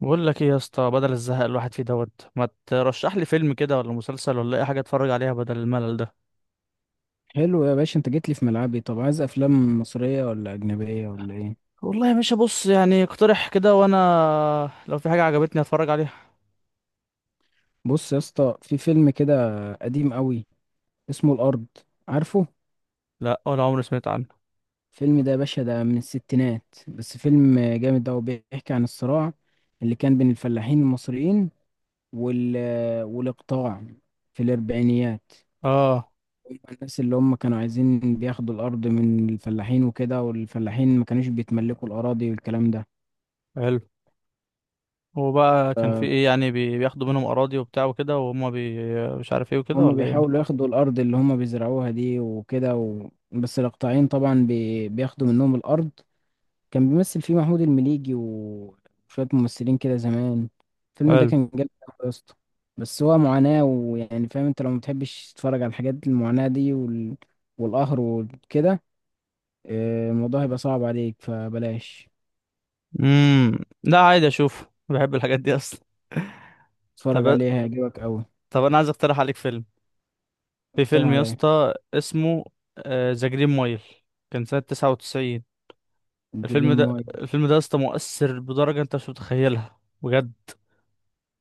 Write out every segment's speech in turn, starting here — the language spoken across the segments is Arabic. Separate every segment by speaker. Speaker 1: بقول لك ايه يا اسطى؟ بدل الزهق الواحد فيه دوت، ما ترشح لي فيلم كده ولا مسلسل ولا اي حاجه اتفرج عليها بدل الملل ده؟
Speaker 2: حلو يا باشا، انت جيت لي في ملعبي. طب عايز افلام مصرية ولا اجنبية ولا ايه؟
Speaker 1: والله يا باشا، بص يعني اقترح كده وانا لو في حاجه عجبتني اتفرج عليها.
Speaker 2: بص يا اسطى، في فيلم كده قديم قوي اسمه الارض. عارفه؟
Speaker 1: لا، ولا عمري سمعت عنه.
Speaker 2: الفيلم ده يا باشا ده من الستينات، بس فيلم جامد ده وبيحكي عن الصراع اللي كان بين الفلاحين المصريين وال والاقطاع في الاربعينيات.
Speaker 1: اه،
Speaker 2: هم الناس اللي هم كانوا عايزين بياخدوا الارض من الفلاحين وكده، والفلاحين ما كانوش بيتملكوا الاراضي والكلام.
Speaker 1: حلو. هو بقى كان في
Speaker 2: ده
Speaker 1: ايه يعني؟ بياخدوا منهم اراضي وبتاع وكده وهم بي مش عارف ايه وكده
Speaker 2: هما
Speaker 1: ولا
Speaker 2: بيحاولوا
Speaker 1: ايه؟
Speaker 2: ياخدوا الأرض اللي هما بيزرعوها دي وكده بس الإقطاعيين طبعا بياخدوا منهم الأرض. كان بيمثل فيه محمود المليجي وشوية ممثلين كده زمان. الفيلم ده
Speaker 1: حلو.
Speaker 2: كان جامد أوي يا اسطى. بس هو معاناة، ويعني فاهم انت لو متحبش تتفرج على الحاجات المعاناة دي والقهر وكده. الموضوع هيبقى صعب عليك فبلاش.
Speaker 1: لا عادي، اشوف، بحب الحاجات دي اصلا. طب،
Speaker 2: اتفرج عليه هيعجبك أوي.
Speaker 1: طب انا عايز اقترح عليك فيلم. في
Speaker 2: اقترح
Speaker 1: فيلم يا
Speaker 2: عليا.
Speaker 1: اسطى اسمه ذا جرين مايل، كان سنه 99.
Speaker 2: جرين
Speaker 1: الفيلم ده
Speaker 2: مايل.
Speaker 1: الفيلم ده يا اسطى مؤثر بدرجة انت مش متخيلها بجد.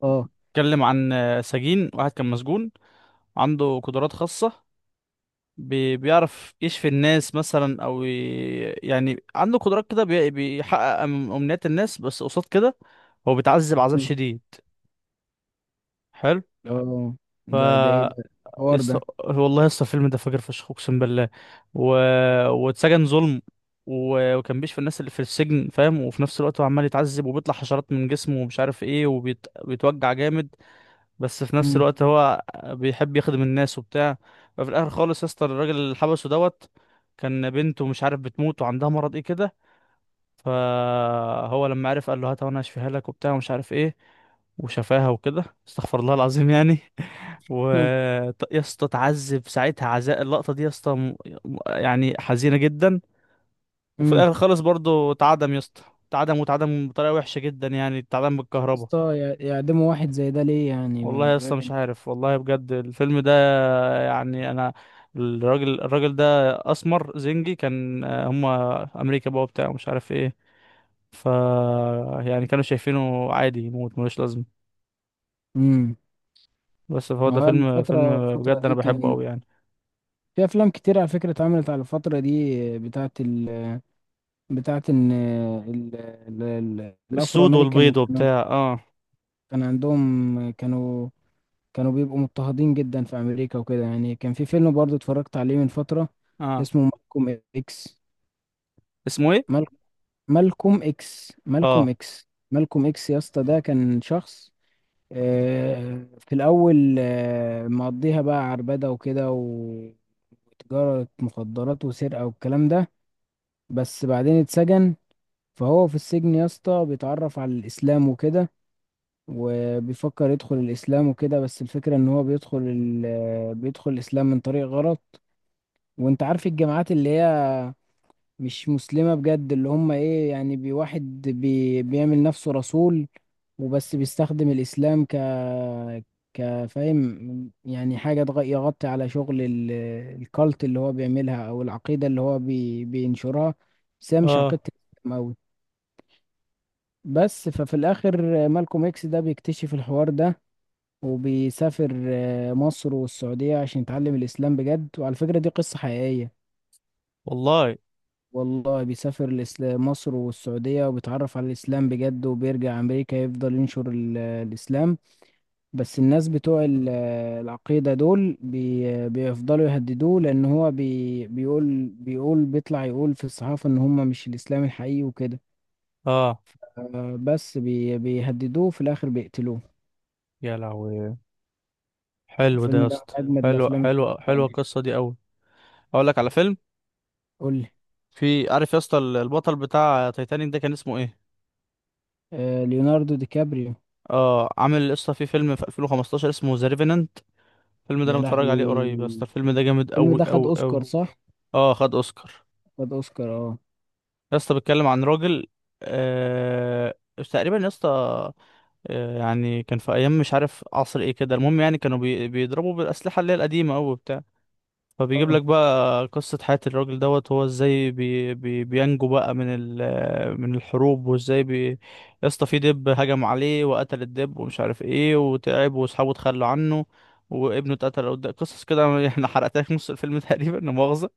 Speaker 2: اه،
Speaker 1: اتكلم عن سجين واحد كان مسجون، عنده قدرات خاصة. بيعرف يشفي الناس مثلا، او ي... يعني عنده قدرات كده، بيحقق امنيات الناس، بس قصاد كده هو بيتعذب عذاب شديد. حلو.
Speaker 2: اه. ده ايه ده
Speaker 1: ف...
Speaker 2: الحوار
Speaker 1: يسطا
Speaker 2: ده؟
Speaker 1: والله يسطا، الفيلم ده فجر فشخ، اقسم بالله. و... واتسجن ظلم. و... وكان بيشفي الناس اللي في السجن فاهم، وفي نفس الوقت هو عمال يتعذب وبيطلع حشرات من جسمه ومش عارف ايه وبيتوجع جامد. بس في نفس
Speaker 2: مم.
Speaker 1: الوقت هو بيحب يخدم الناس وبتاع. ففي الاخر خالص يسطا، الراجل اللي حبسه دوت كان بنته مش عارف بتموت وعندها مرض ايه كده. فهو لما عرف قال له هات وانا هشفيها لك وبتاع ومش عارف ايه، وشفاها وكده، استغفر الله العظيم يعني. و... يا اسطى اتعذب ساعتها عذاب، اللقطه دي يا اسطى يعني حزينه جدا. وفي
Speaker 2: مم.
Speaker 1: الاخر خالص برضو اتعدم يا اسطى، اتعدم، واتعدم بطريقه وحشه جدا، يعني اتعدم
Speaker 2: طب يا
Speaker 1: بالكهرباء.
Speaker 2: اسطى، يعدموا واحد زي ده ليه؟ يعني
Speaker 1: والله يا اسطى مش
Speaker 2: بيعمل.
Speaker 1: عارف، والله بجد الفيلم ده، يعني انا، الراجل ده اسمر زنجي، كان هما امريكا بقى وبتاع مش عارف ايه. ف... يعني كانوا شايفينه عادي يموت ملوش لازمه.
Speaker 2: امم
Speaker 1: بس هو ده
Speaker 2: هو
Speaker 1: فيلم،
Speaker 2: الفترة
Speaker 1: فيلم
Speaker 2: الفترة
Speaker 1: بجد، انا
Speaker 2: دي
Speaker 1: بحبه
Speaker 2: كان
Speaker 1: قوي يعني.
Speaker 2: في أفلام كتير على فكرة اتعملت على الفترة دي بتاعت إن الأفرو
Speaker 1: السود
Speaker 2: أمريكان
Speaker 1: والبيض
Speaker 2: كانوا.
Speaker 1: وبتاع، اه.
Speaker 2: كان عندهم كانوا كانوا بيبقوا مضطهدين جدا في أمريكا وكده، يعني كان في فيلم برضو اتفرجت عليه من فترة
Speaker 1: اه.
Speaker 2: اسمه مالكوم إكس.
Speaker 1: اسمه ايه؟
Speaker 2: مال... مالكوم إكس، مالكوم
Speaker 1: اه.
Speaker 2: إكس، مالكوم إكس يا اسطى، ده كان شخص. في الأول مقضيها بقى عربدة وكده وتجارة مخدرات وسرقة والكلام ده. بس بعدين اتسجن. فهو في السجن يا اسطى بيتعرف على الإسلام وكده، وبيفكر يدخل الإسلام وكده، بس الفكرة إن هو بيدخل ال... آه، بيدخل الإسلام من طريق غلط. وأنت عارف الجامعات اللي هي مش مسلمة بجد، اللي هم إيه يعني واحد بيعمل نفسه رسول. وبس بيستخدم الإسلام كفاهم، يعني حاجة يغطي على شغل الكالت اللي هو بيعملها، أو العقيدة اللي هو بينشرها. بس هي مش
Speaker 1: اه.
Speaker 2: عقيدة الإسلام أوي. بس ففي الآخر مالكوم إكس ده بيكتشف الحوار ده، وبيسافر مصر والسعودية عشان يتعلم الإسلام بجد، وعلى فكرة دي قصة حقيقية.
Speaker 1: والله.
Speaker 2: والله بيسافر مصر والسعودية، وبيتعرف على الإسلام بجد وبيرجع أمريكا يفضل ينشر الإسلام. بس الناس بتوع العقيدة دول بيفضلوا يهددوه، لأن هو بيقول بيطلع يقول في الصحافة إن هم مش الإسلام الحقيقي وكده.
Speaker 1: اه.
Speaker 2: بس بيهددوه، في الآخر بيقتلوه.
Speaker 1: يا لهوي. حلو ده يا
Speaker 2: الفيلم ده
Speaker 1: اسطى،
Speaker 2: من أجمد
Speaker 1: حلو،
Speaker 2: الأفلام اللي
Speaker 1: حلو،
Speaker 2: اتفرجت
Speaker 1: حلوه
Speaker 2: عليها.
Speaker 1: القصه دي قوي. اقول لك على فيلم.
Speaker 2: قول لي.
Speaker 1: في عارف يا اسطى البطل بتاع تايتانيك ده كان اسمه ايه؟
Speaker 2: ليوناردو دي كابريو.
Speaker 1: اه، عامل يا اسطى في فيلم في 2015 اسمه ذا ريفينانت. الفيلم ده انا
Speaker 2: يا
Speaker 1: متفرج عليه قريب يا اسطى،
Speaker 2: لهوي.
Speaker 1: الفيلم ده جامد
Speaker 2: الفيلم
Speaker 1: قوي
Speaker 2: ده خد
Speaker 1: قوي قوي.
Speaker 2: أوسكار، صح؟
Speaker 1: اه، خد اوسكار.
Speaker 2: خد أوسكار، اه.
Speaker 1: يا اسطى بيتكلم عن راجل، آه، تقريبا يا اسطى، يعني كان في ايام مش عارف عصر ايه كده، المهم يعني كانوا بيضربوا بالاسلحه اللي هي القديمه قوي. فبيجيب
Speaker 2: اه،
Speaker 1: لك بقى قصة حياة الراجل دوت، هو ازاي بي بي بينجو بقى من ال... من الحروب، وازاي بي... يا اسطى في دب هجم عليه وقتل الدب ومش عارف ايه، وتعب واصحابه اتخلوا عنه، وابنه اتقتل قدام، قصص كده. احنا حرقتلك نص الفيلم تقريبا، لا مؤاخذة.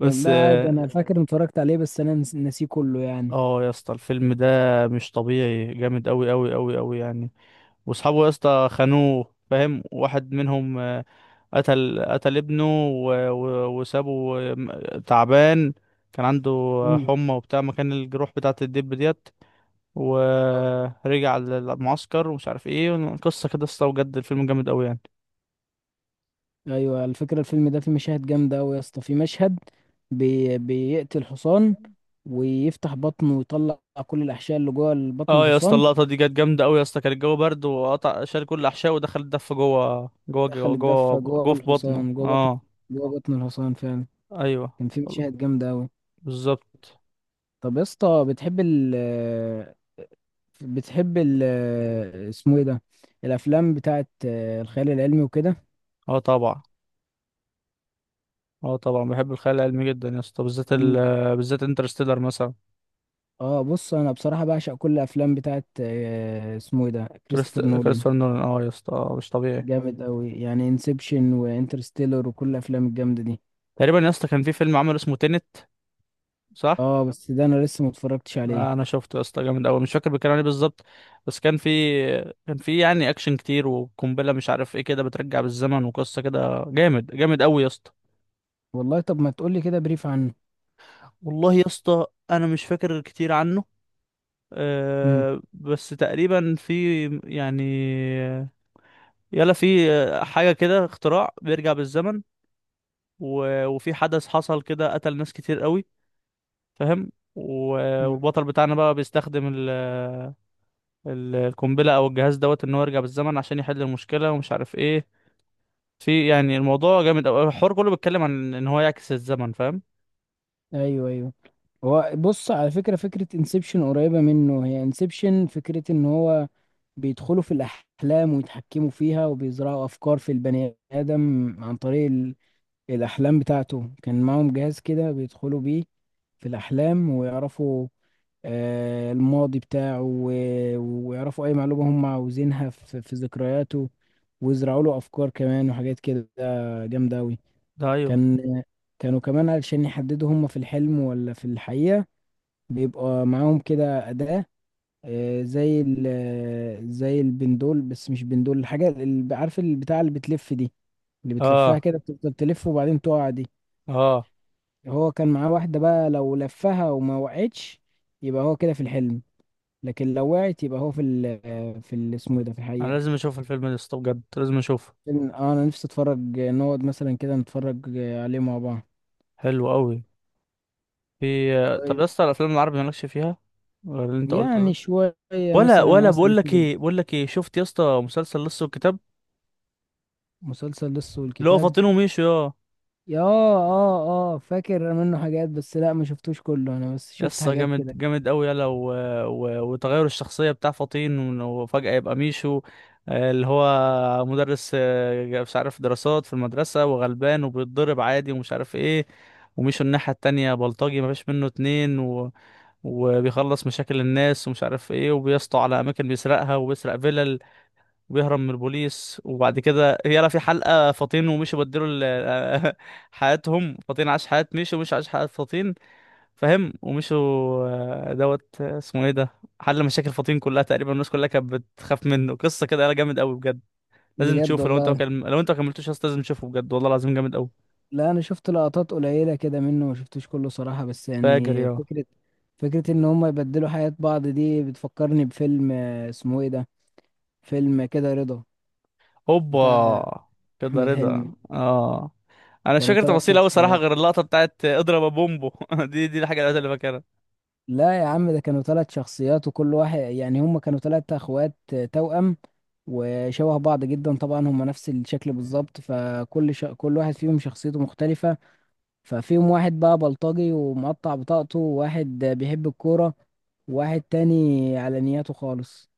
Speaker 1: بس
Speaker 2: لا، عادي،
Speaker 1: اه،
Speaker 2: أنا فاكر إني اتفرجت عليه بس أنا ناسيه كله يعني.
Speaker 1: آه يا اسطى الفيلم ده مش طبيعي، جامد قوي قوي قوي قوي يعني. واصحابه يا اسطى خانوه فاهم، واحد منهم قتل ابنه، و... و... وسابه تعبان، كان عنده
Speaker 2: مم.
Speaker 1: حمى وبتاع مكان الجروح بتاعة الدب ديت. ورجع للمعسكر ومش عارف ايه، قصة كده يا اسطى بجد الفيلم جامد قوي يعني.
Speaker 2: ايوه، على فكره الفيلم ده فيه مشاهد جامده قوي يا اسطى. في مشهد بيقتل حصان ويفتح بطنه، ويطلع كل الاحشاء اللي جوه بطن
Speaker 1: اه يا اسطى،
Speaker 2: الحصان.
Speaker 1: اللقطة دي كانت جامدة قوي يا اسطى، كان الجو برد وقطع شال كل الأحشاء ودخل الدف جوه جوه
Speaker 2: دخل
Speaker 1: جوه جوه,
Speaker 2: الدفه جوه
Speaker 1: جوه في بطنه،
Speaker 2: الحصان،
Speaker 1: اه.
Speaker 2: جوه بطن الحصان فعلا.
Speaker 1: ايوه،
Speaker 2: كان في مشاهد جامده قوي.
Speaker 1: بالظبط.
Speaker 2: طب يا اسطى، بتحب ال اسمه ايه ده الافلام بتاعت الخيال العلمي وكده؟
Speaker 1: اه طبعا، اه طبعا بحب الخيال العلمي جدا يا اسطى، بالذات ال...
Speaker 2: م-
Speaker 1: بالذات انترستيلر مثلا.
Speaker 2: اه، بص انا بصراحه بعشق كل الافلام بتاعت اسمه ايه ده
Speaker 1: كريست
Speaker 2: كريستوفر نولان.
Speaker 1: كريستوفر نولان، اه يا اسطى، مش طبيعي.
Speaker 2: جامد قوي، يعني انسبشن وانترستيلر وكل الافلام الجامده دي.
Speaker 1: تقريبا يا اسطى كان في فيلم عمله اسمه تينت، صح.
Speaker 2: اه، بس ده انا لسه ما اتفرجتش عليه.
Speaker 1: انا شفته يا اسطى، جامد قوي، مش فاكر بيتكلم عن ايه بالظبط، بس كان في... كان في يعني اكشن كتير وقنبله مش عارف ايه كده، بترجع بالزمن، وقصه كده جامد، جامد قوي يا اسطى.
Speaker 2: والله، طب ما تقولي كده بريف عنه.
Speaker 1: والله يا اسطى انا مش فاكر كتير عنه.
Speaker 2: امم.
Speaker 1: أه بس تقريبا في يعني، يلا في حاجه كده، اختراع بيرجع بالزمن، و... وفي حدث حصل كده قتل ناس كتير قوي فاهم، و- والبطل بتاعنا بقى بيستخدم ال... القنبلة أو الجهاز دوت، إن هو يرجع بالزمن عشان يحل المشكلة ومش عارف إيه. في يعني الموضوع جامد أوي، الحوار كله بيتكلم عن إن هو يعكس الزمن فاهم.
Speaker 2: ايوه، ايوه. هو بص، على فكره فكره انسبشن قريبه منه. هي انسبشن فكره ان هو بيدخلوا في الاحلام ويتحكموا فيها، وبيزرعوا افكار في البني ادم عن طريق الاحلام بتاعته. كان معاهم جهاز كده بيدخلوا بيه في الاحلام ويعرفوا الماضي بتاعه، ويعرفوا اي معلومة هم عاوزينها في ذكرياته. ويزرعوا له افكار كمان وحاجات كده جامدة اوي.
Speaker 1: ده أيوه.
Speaker 2: كان كانوا كمان علشان يحددوا هم في الحلم ولا في الحقيقة، بيبقى معاهم كده أداة آه، زي ال زي البندول. بس مش بندول، الحاجة اللي عارف البتاع اللي بتلف دي، اللي بتلفها
Speaker 1: آه.
Speaker 2: كده بتفضل تلف وبعدين تقع دي.
Speaker 1: آه.
Speaker 2: هو كان معاه واحدة بقى، لو لفها وما وقعتش يبقى هو كده في الحلم. لكن لو وعيت يبقى هو في اسمه إيه ده في
Speaker 1: أنا
Speaker 2: الحقيقة.
Speaker 1: لازم أشوف الفيلم ده يسطا بجد، لازم أشوفه.
Speaker 2: انا نفسي اتفرج نقعد مثلا كده نتفرج عليه مع بعض.
Speaker 1: حلو أوي. في، طب يا
Speaker 2: طيب.
Speaker 1: اسطى الأفلام العربي مالكش فيها غير اللي أنت قلته
Speaker 2: يعني
Speaker 1: ده؟
Speaker 2: شوية.
Speaker 1: ولا
Speaker 2: مثلا
Speaker 1: ولا
Speaker 2: عسل
Speaker 1: بقول لك
Speaker 2: اسود،
Speaker 1: إيه، بقول لك إيه، شفت يا اسطى مسلسل لص والكتاب؟
Speaker 2: مسلسل لص
Speaker 1: اللي هو
Speaker 2: والكتاب.
Speaker 1: فاطين وميشو آه.
Speaker 2: يا، اه، اه، فاكر منه حاجات بس لا، ما شفتوش كله، انا بس شفت
Speaker 1: يسا
Speaker 2: حاجات
Speaker 1: جامد،
Speaker 2: كده.
Speaker 1: جامد قوي يلا. و... و... وتغير الشخصية بتاع فطين وفجأة يبقى ميشو، اللي هو مدرس، مش عارف دراسات في المدرسة وغلبان وبيتضرب عادي ومش عارف ايه. وميشو الناحية التانية بلطجي مفيش منه اتنين، و... وبيخلص مشاكل الناس ومش عارف ايه، وبيسطو على أماكن بيسرقها وبيسرق فيلل وبيهرب من البوليس. وبعد كده يلا في حلقة، فطين وميشو بدلوا حياتهم، فطين عاش حياة ميشو وميشو عاش حياة فطين فاهم، ومشوا. دوت، اسمه ايه ده، حل مشاكل فطين كلها تقريبا، الناس كلها كانت بتخاف منه، قصه كده، لا جامد قوي بجد. لازم
Speaker 2: بجد
Speaker 1: تشوفه لو انت
Speaker 2: والله.
Speaker 1: وكلم... لو انت ما كملتوش يا اسطى لازم تشوفه، بجد والله العظيم جامد قوي.
Speaker 2: لا، انا شفت لقطات قليلة كده منه، ما شفتوش كله صراحة، بس
Speaker 1: فاجر
Speaker 2: يعني
Speaker 1: يا...
Speaker 2: فكرة. فكرة ان هم يبدلوا حياة بعض، دي بتفكرني بفيلم اسمه ايه ده. فيلم كده رضا، بتاع
Speaker 1: هوبا. كده
Speaker 2: احمد حلمي.
Speaker 1: رضا، اه. انا مش
Speaker 2: كانوا
Speaker 1: فاكر
Speaker 2: 3
Speaker 1: تفاصيل قوي صراحه،
Speaker 2: شخصيات.
Speaker 1: غير اللقطه بتاعت اضرب يا بومبو دي الحاجه الوحيده اللي فاكرها.
Speaker 2: لا يا عم ده كانوا 3 شخصيات، وكل واحد يعني هم كانوا 3 اخوات. توأم. وشبه بعض جدا طبعا، هم نفس الشكل بالظبط، فكل كل واحد فيهم شخصيته مختلفة. ففيهم واحد بقى بلطجي ومقطع بطاقته، وواحد بيحب الكورة، وواحد تاني على نياته خالص.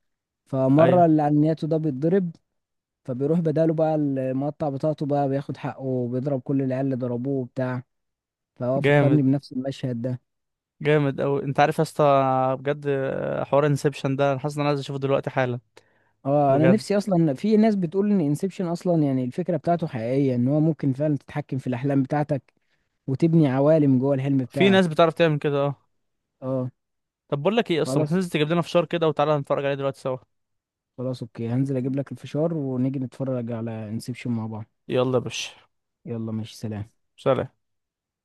Speaker 2: فمرة
Speaker 1: ايوه،
Speaker 2: اللي على نياته ده بيتضرب. فبيروح بداله بقى المقطع بطاقته، بقى بياخد حقه وبيضرب كل العيال اللي ضربوه وبتاع. فهو فكرني
Speaker 1: جامد،
Speaker 2: بنفس المشهد ده.
Speaker 1: جامد قوي. انت عارف يا اسطى بجد، حوار انسبشن ده انا حاسس ان انا عايز اشوفه دلوقتي حالا.
Speaker 2: اه، انا
Speaker 1: بجد،
Speaker 2: نفسي اصلا. في ناس بتقول ان انسبشن اصلا يعني الفكره بتاعته حقيقيه، ان هو ممكن فعلا تتحكم في الاحلام بتاعتك، وتبني عوالم جوه الحلم
Speaker 1: في
Speaker 2: بتاعك.
Speaker 1: ناس بتعرف تعمل كده، اه.
Speaker 2: اه.
Speaker 1: طب بقول لك ايه، اصلا ما
Speaker 2: خلاص،
Speaker 1: تنزل تجيب لنا فشار كده وتعالى نتفرج عليه دلوقتي سوا.
Speaker 2: خلاص، اوكي، هنزل اجيب لك الفشار ونيجي نتفرج على انسبشن مع بعض.
Speaker 1: يلا يا باشا،
Speaker 2: يلا ماشي، سلام.
Speaker 1: سلام.